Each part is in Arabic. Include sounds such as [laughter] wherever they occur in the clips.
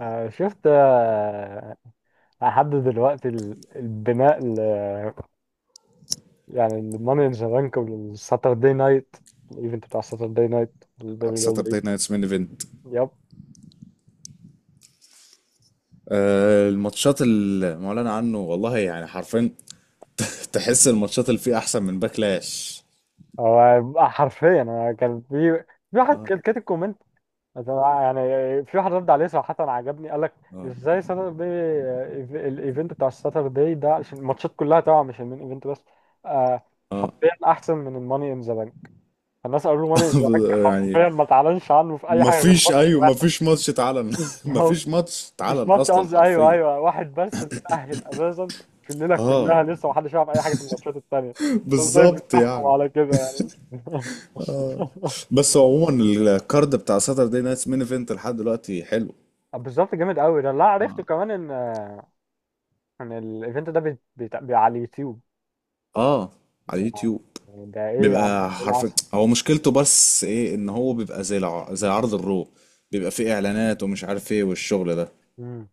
شفت لحد دلوقتي البناء ل يعني الماني ان ذا بانك والساتردي نايت الايفنت بتاع ساتردي نايت الدبليو دبليو ساتردي نايتس مين ايفنت. يب. الماتشات المعلن عنه والله يعني حرفيا. [laughs] تحس الماتشات اللي فيه احسن من باكلاش. هو حرفيا انا كان في في واحد كان كاتب كومنت مثلا يعني. في واحد رد عليه صراحة عجبني، قال لك ازاي ساتردي الايفنت بتاع الساتردي ده، عشان الماتشات كلها طبعا مش المين ايفنت بس. آه، اه. حرفيا احسن من الماني ان ذا بانك. الناس قالوا له ماني إزاك [laughs] يعني حرفيا ما تعلنش عنه في اي حاجه غير مفيش، ماتش ايوه، واحد. مفيش ماتش [laughs] اتعلن. [laughs] مش مفيش ماتش مش اتعلن ماتش، اصلا قصدي ايوه حرفيا. ايوه، واحد بس اللي تأهل اساسا في الليله اه، كلها، لسه ما حدش يعرف اي حاجه في الماتشات التانيه، انت ازاي بالظبط بتحكم يعني. على كده يعني. بس عموما الكارد بتاع ساتردي نايتس مين ايفنت لحد دلوقتي حلو. [laughs] بالظبط جامد قوي ده. لا، عرفته كمان ان ان الايفنت ده على اليوتيوب. اه، على اليوتيوب. يعني ده ايه يا عم، بيبقى ايه حرفيا العسل. هو مشكلته بس ايه، ان هو بيبقى زي عرض الرو. بيبقى فيه اعلانات ومش عارف ايه والشغل ده. امم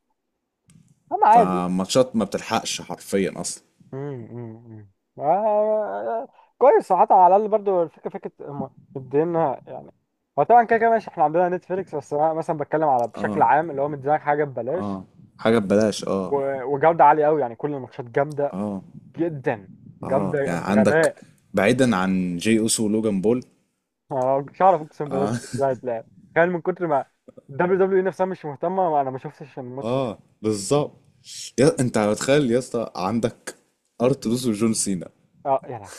انا عادي. فماتشات ما بتلحقش حرفيا اصلا. امم امم آه، كويس صراحة. على الأقل برضو الفكرة فكرة، هم مدينا يعني. هو طبعا كده كده ماشي، احنا عندنا نتفليكس، بس أنا مثلا بتكلم على بشكل اه. عام، اللي هو مديلك حاجة ببلاش اه، حاجة ببلاش. اه. وجودة عالية أوي. يعني كل الماتشات جامدة اه. جدا، اه، جامدة يعني عندك، بغباء. بعيدا عن جي اوسو ولوجان بول. أنا مش هعرف، أقسم بالله اه. ده مش هيتلعب. تخيل من كتر ما الدبليو دبليو إي نفسها مش مهتمة، ما أنا ما شفتش [laughs] الماتش ده. اه، بالظبط. يا انت متخيل يا اسطى؟ عندك ارت دوس وجون سينا. أه يا لهوي،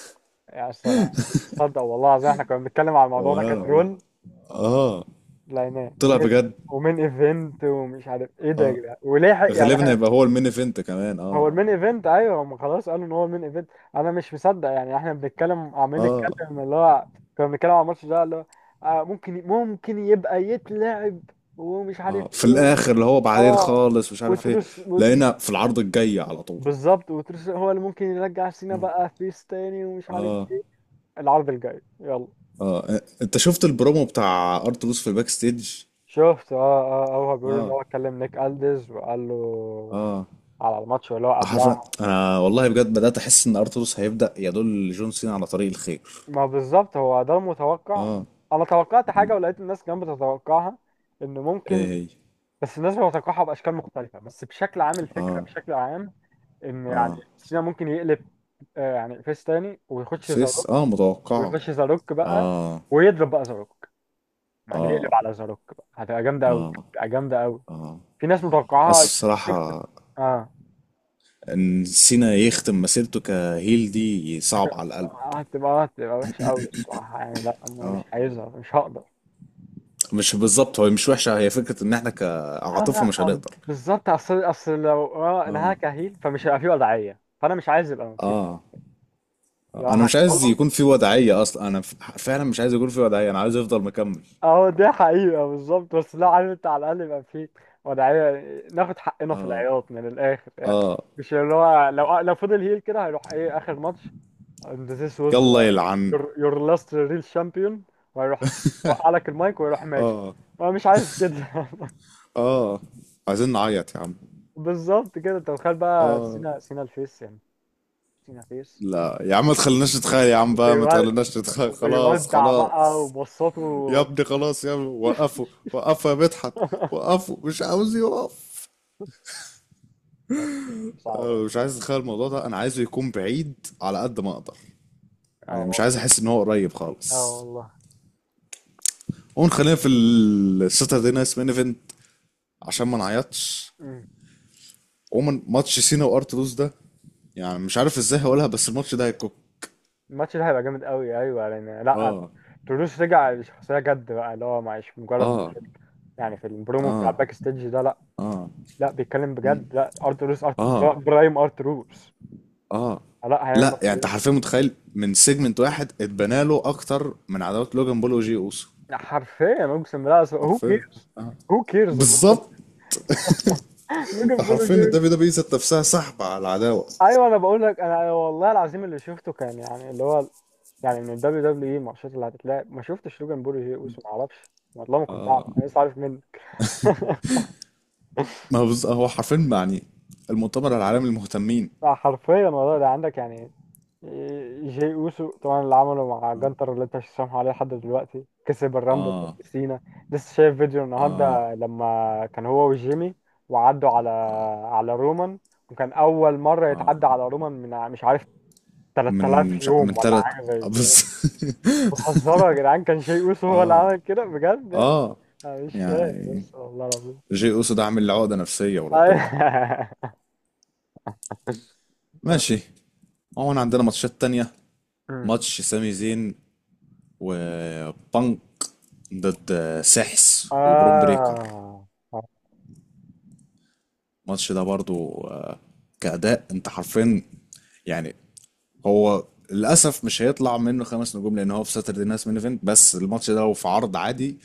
يعني أصلا أنا مش مصدق والله العظيم. احنا كنا بنتكلم على الموضوع ده وانا والله. كترول، اه، لعناه. طلع ومين، بجد. ومين ايفنت ومش عارف ايه ده يا آه. جدعان، ولحق يعني غالبا احنا. هيبقى هو المين ايفنت كمان. هو اه. المين ايفنت، ايوه هم خلاص قالوا ان هو المين ايفنت. انا مش مصدق، يعني احنا بنتكلم عمالين اه. نتكلم اللي هو كنا بنتكلم على الماتش ده اللي هو آه، ممكن ممكن يبقى يتلعب ومش اه، عارف في ايه. الاخر اللي هو بعدين اه، خالص مش عارف ايه. وتروس لقينا وتروس. في العرض الجاي على طول. بالظبط، وتروس هو اللي ممكن يرجع سينا اه. بقى فيس تاني ومش عارف اه. ايه. العرض الجاي، يلا. اه، انت شفت البرومو بتاع ارتروس في الباك ستيج؟ شفت، اه اه. هو بيقول ان اه. هو كلم نيك الدز وقال له اه، على الماتش اللي هو عارف. قبلها. انا والله بجد بدات احس ان ارتروس هيبدا يدل جون سينا على طريق الخير. ما بالظبط هو ده المتوقع. اه. انا توقعت حاجه ولقيت الناس كمان بتتوقعها، ان ايه ممكن. هي؟ بس الناس بتتوقعها باشكال مختلفه، بس بشكل عام الفكره بشكل عام ان يعني سينا ممكن يقلب يعني فيس تاني ويخش فيس. زاروك. اه، متوقعه. ويخش زاروك بقى، ويضرب بقى زاروك، يعني يقلب على زاروك بقى، هتبقى جامده قوي، هتبقى جامده قوي. في ناس اصل متوقعاها. شفت، بصراحه، اه. ان سينا يختم مسيرته كهيل دي صعب هتبقى على القلب. هتبقى وحشه قوي الصراحه، يعني لا انا مش عايزها، مش هقدر. مش بالظبط، هو مش وحشه، هي فكره ان احنا اه لا، كعاطفه مش هنقدر. بالظبط. اصل لو اه انها كهيل، فمش هيبقى فيه وضعيه، فانا مش عايز يبقى مفيش، اه. لو انا مش عايز هتخلص. يكون في وضعيه اصلا، انا فعلا مش عايز يكون في وضعيه، انا عايز افضل مكمل. اه دي حقيقه بالظبط، بس لو عارف انت على الاقل يبقى فيه وضعيه، ناخد حقنا في اه. العياط من الاخر يعني. اه. مش اللي هو لو لو فضل هيل كده، هيروح ايه اخر ماتش. and this was يلا يلعن. your, your last real champion. وهيروح، وقع لك المايك ويروح ماشي. انا مش عايز كده. [laughs] اه، عايزين نعيط يا عم. بالظبط كده، انت متخيل بقى سينا، سينا الفيس يعني، سينا فيس، لا يا عم، ما تخليناش نتخيل يا عم بقى، ما وبيو- تخليناش نتخيل، خلاص وبيودع بقى خلاص. وبصاته. يا ابني خلاص يا ابني، وقفوا. وقفوا يا مدحت. [laughs] وقفوا، مش عاوز يقف. صعبة. أنا مش عايز اتخيل الموضوع ده، انا عايزه يكون بعيد على قد ما اقدر. اه يعني مش والله، عايز احس ان هو قريب اه خالص. والله. قوم خلينا في الساتردي نايت مين ايفنت عشان ما نعيطش. مم. عموما ماتش سينا وارتلوس ده، يعني مش عارف ازاي هقولها بس الماتش ده هيكون. الماتش ده هيبقى جامد قوي ايوه، لان لا اه. تولوز رجع لشخصية جد بقى، اللي هو مش مجرد اه. يعني. في البرومو بتاع اه. الباك ستيج ده، لا، اه. لا بيتكلم بجد. لا ارتروس، اه. برايم ارتروس. اه. لا هيعمل لا ماتش يعني انت جامد. حرفيا متخيل من سيجمنت واحد اتبنى له اكتر من عداوات لوجان بول وجي اوسو. حرفيا اقسم بالله هو حرفيا. كيرز، اه، هو كيرز. بالظبط. [laughs] انت لوجان بول حرفيا وجيرز. الدبليو [laughs] دبليو ذات نفسها سحب على العداوه. ايوه انا بقول لك، انا أنا والله العظيم اللي شفته كان يعني اللي هو يعني من ال WWE الماتشات اللي هتتلعب ما شفتش لوجان بول وجي اوسو، ما اعرفش والله ما كنت اعرف، انا لسه عارف منه. [laughs] ما هو هو حرفيا يعني المؤتمر العالمي للمهتمين. حرفيا والله ده عندك يعني. جي اوسو طبعا اللي عمله مع جانتر اللي انت مش سامحه عليه لحد دلوقتي، كسب الرامبل اه. ضد سينا. لسه شايف فيديو اه اه. النهارده لما كان هو وجيمي وعدوا على على رومان، وكان اول مره اه، يتعدى على رومان من مش عارف من 3000 مش ع- من يوم ولا ثلاث حاجه زي كده. بس. [laughs] بتهزروا يا جدعان، كان شيء اوسو هو اللي عمل كده بجد. اه، أنا مش فاهم، يعني بس والله العظيم. جي اوسو ده عامل لي عقدة نفسية وربنا. أيوة. ماشي. عموما عندنا ماتشات تانية. أمم. ماتش سامي زين وبانك ضد [laughs] سحس وبروم بريكر. آه، الماتش ده برضو كأداء، انت حرفيا، يعني هو للأسف مش هيطلع منه خمس نجوم لأن هو في ساتردي نايت مين ايفنت، بس الماتش ده لو في عرض عادي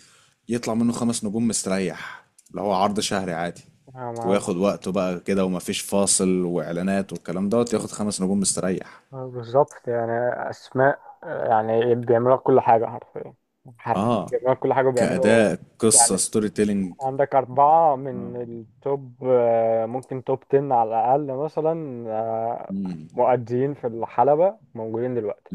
يطلع منه خمس نجوم مستريح، اللي هو عرض شهري عادي. آه، ما- وياخد وقته بقى كده، ومفيش فاصل وإعلانات والكلام دوت، ياخد خمس نجوم مستريح. بالظبط يعني. أسماء، يعني بيعملوا لك كل حاجة حرفيا، حرفيا اه، بيعملوا لك كل حاجة وبيعملوا كأداء قصة يعني. ستوري تيلينج. عندك أربعة من التوب، ممكن توب 10 على الأقل مثلا، مؤديين في الحلبة موجودين دلوقتي.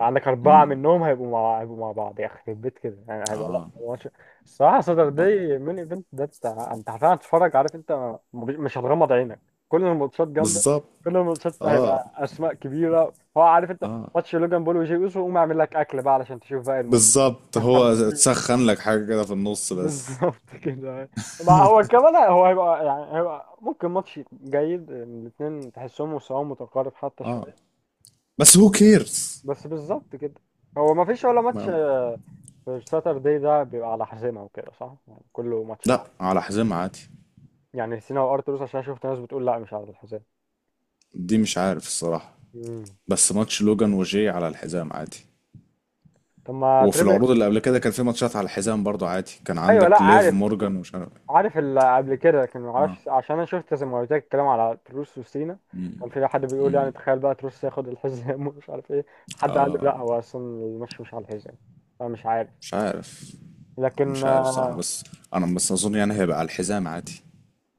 عندك أربعة منهم هيبقوا مع بعض، يخرب بيت كده يعني. هيبقى لا اه. ماتش، الصراحة، صدر آه. دي مين ايفنت ده. انت انت حرفيا هتتفرج، عارف انت مش هتغمض عينك. كل الماتشات جامدة، بالظبط. كل الماتشات هيبقى أسماء كبيرة. هو عارف انت. ماتش لوجان بول وجي أوسو، قوم اعمل لك أكل بقى علشان تشوف بقى الماتش. بالظبط، هو [laughs] تسخن لك حاجة كده في النص بس. بالظبط كده. ما هو كمان هو هيبقى يعني، هيبقى ممكن ماتش جيد، الاثنين تحسهم مستواهم متقارب حتى اه، شوية. بس هو كيرز. بس بالظبط كده، هو ما فيش ولا ماتش. ما... الساتردي ده بيبقى على حزامة وكده، صح؟ يعني كله ماتشات. لا، على حزام عادي. يعني سينا وارتروس عشان شفت ناس بتقول لا مش على الحزام. دي مش عارف الصراحة. مم. بس ماتش لوجان وجاي على الحزام عادي. طب ما وفي تريبل. العروض اللي قبل كده كان في ماتشات على الحزام برضو عادي، كان ايوه لا عندك ليف عارف، مورجان ومش عارف. عارف اللي قبل كده، لكن ما اه، اعرفش عشان انا شفت زي ما قلت لك الكلام على تروس وسينا. كان في حد بيقول يعني تخيل بقى تروس ياخد الحزام [laughs] ومش عارف ايه، حد قال له لا هو اصلا الماتش مش على الحزام، فمش عارف. مش عارف. لكن مش عارف صراحة، بس انا بس اظن يعني هيبقى على الحزام عادي.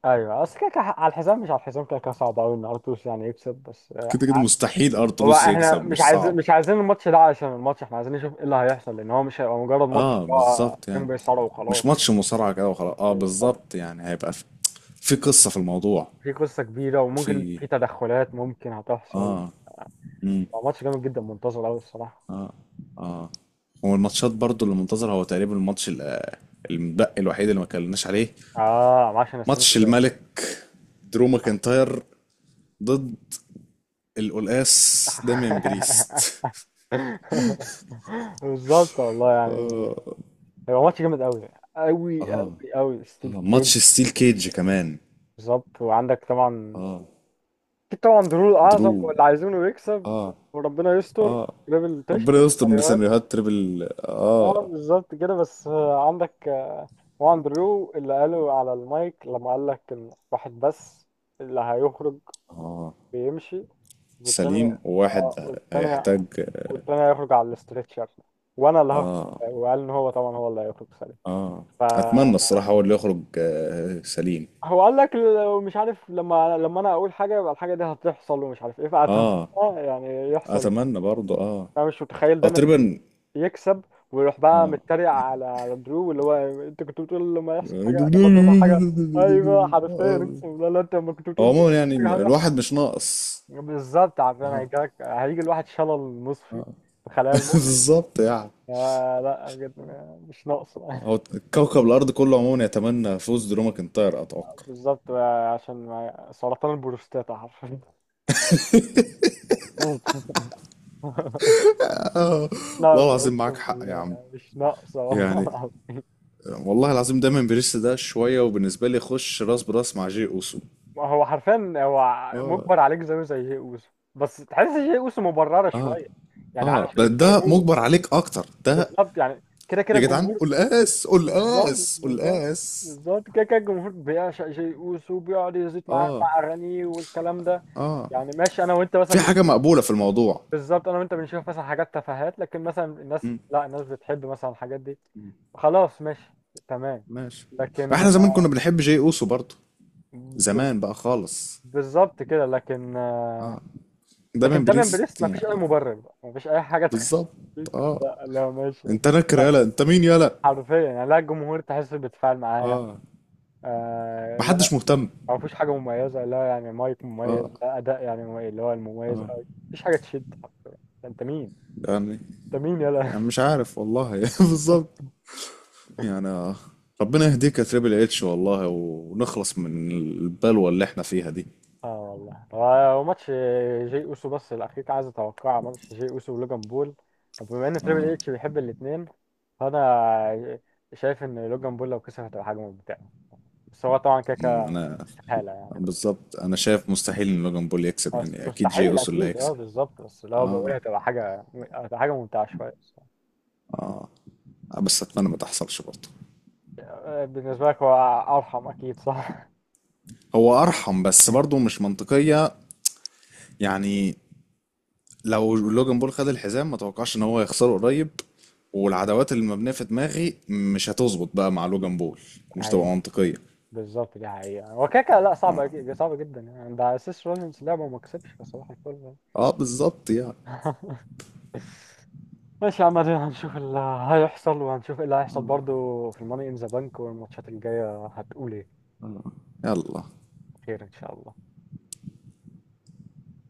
ايوه. اصل كده كده على الحزام مش على الحزام، كده كده صعب قوي ان ارتروس يعني يكسب. بس كده كده مستحيل هو ارتلوس احنا يكسب، مش صعب. مش عايزين الماتش ده عشان الماتش، احنا عايزين نشوف ايه اللي هيحصل، لان هو مش هيبقى مجرد ماتش، اه، هو بالظبط كان يعني. بيصارع مش وخلاص. ماتش مصارعة كده وخلاص. اه، طب بالظبط يعني هيبقى في، في قصة في الموضوع، في قصة كبيرة، وممكن وفي. في تدخلات ممكن هتحصل. هو ماتش جامد جدا، منتظر قوي الصراحة. هو الماتشات برضو اللي منتظر، هو تقريبا الماتش المتبقي الوحيد اللي ما اتكلمناش عليه. اه عشان السنين ماتش ازاي. الملك درو ماكنتاير ضد القلقاس داميان [laughs] بريست. بالظبط والله يعني، هيبقى ماتش جامد قوي، قوي. ستيل كيج. ماتش ستيل كيج كمان. بالظبط وعندك طبعا، اكيد طبعا درو الاعظم درو. واللي عايزينه يكسب، وربنا يستر. ليفل تشت. ربنا يستر من سيناريوهات تريبل. اه اه، بالظبط كده. بس عندك واندرو اللي قاله على المايك لما قال لك ان واحد بس اللي هيخرج بيمشي، والتاني سليم وواحد والتاني، هيحتاج. والتاني هيخرج على الاسترتشر، وانا اللي هخرج. وقال ان هو طبعا هو اللي هيخرج سليم. اه، اتمنى فهو الصراحة هو اللي يخرج سليم. قال لك لو مش عارف، لما انا اقول حاجه يبقى الحاجه دي هتحصل ومش عارف ايه، فاتمنى اه، يعني يحصل. اتمنى برضو. اه، انا مش متخيل او ده تقريبا. يكسب، ويروح بقى متريق على على درو، اللي هو انت كنت بتقول لما يحصل حاجه، لما تقول له حاجه. ايوه حرفيا اه، اقسم بالله، لا انت لما كنت هو بتقول عموما يعني حاجه هيحصل. الواحد مش ناقص. بالظبط، عارفين هيجيلك، هيجي الواحد شلل نصفي في خلايا [laughs] المخ. بالظبط يعني، آه لا بجد، مش ناقصه. [laughs] هو كوكب الأرض كله عموما يتمنى فوز درو ماكنتاير، أتوقع. بالظبط، عشان سرطان البروستاتا حرفيا. [laughs] مش والله ناقصه العظيم معاك اقسم حق يا عم، بالله، مش ناقصه. يعني [laughs] والله العظيم دايما بريس ده شوية، وبالنسبة لي يخش راس براس مع جي أوسو. ما هو حرفيا هو اه. مجبر عليك زيه زي جي اوسو، بس تحس جي اوسو مبررة اه. شوية يعني، اه اه، علشان ده الجمهور. مجبر عليك أكتر ده. بالظبط يعني، كده كده يا جدعان، الجمهور. قول اس، قول بالظبط، اس، قول بالظبط، اس. بالظبط كده كده الجمهور بيعشق جي اوسو وبيقعد يزيد معاه اه. مع اغانيه والكلام ده. اه، يعني ماشي، انا وانت في مثلا حاجة مقبولة في الموضوع. بالظبط، انا وانت بنشوف مثلا حاجات تفاهات، لكن مثلا الناس لا الناس بتحب مثلا الحاجات دي. خلاص ماشي، تمام. ماشي. لكن احنا زمان كنا بنحب جي اوسو برضه، بز- زمان بقى خالص. بالظبط كده. لكن آه. دايما لكن داميان بريست بريست مفيش اي يعني. مبرر بقى، مفيش اي حاجه تخليك بالظبط. اه، لا لا ماشي. انت نكر لا يالا، انت مين يالا. حرفيا يعني لا، الجمهور تحس بيتفاعل معاه. اه، آه لا، محدش مهتم. مفيش حاجه مميزه، لا يعني مايك مميز اه، لا اداء يعني مميز اللي هو المميز أوي، مفيش حاجه تشد حرفيا. انت مين، يعني. انت مين يلا. يعني [laughs] مش عارف والله. [laughs] بالظبط يعني. ربنا يهديك يا تريبل اتش والله ونخلص من البلوة اللي احنا فيها دي. اه والله. هو ماتش جي اوسو بس الاخير كان عايز اتوقع ماتش جي اوسو ولوجان بول. طب بما ان تريبل اتش بيحب الاثنين، فانا شايف ان لوجان بول لو كسب هتبقى حاجه ممتعه. بس هو طبعا كده مم. كده انا استحالة يعني. بس بالظبط، انا شايف مستحيل ان لوجان بول يكسب، يعني اكيد جي مستحيل اوسو اللي أكيد، أه هيكسب. بالظبط. بس لو اه. بقولها تبقى حاجة، هتبقى حاجة ممتعة شوية الصراحة. بس اتمنى ما تحصلش برضه. بالنسبة لك هو أرحم أكيد، صح؟ هو ارحم بس برضه [laughs] مش منطقية. يعني لو لوجان بول خد الحزام ما توقعش ان هو يخسره قريب. والعداوات اللي مبنيه في دماغي مش هتظبط بقى مع لوجان بول. ومش تبقى أيوه منطقيه. بالظبط، دي حقيقة. هو كده كده لا صعبة صعبة جدا يعني، ده أساس روجنز لعبة وما كسبش فصباح الفل يعني. اه، بالظبط يعني. [laughs] ماشي يا عم، ادينا هنشوف اللي هيحصل، وهنشوف ايه اللي هيحصل برضو في الماني ان ذا بانك والماتشات الجاية هتقول ايه. يلا. خير ان شاء الله.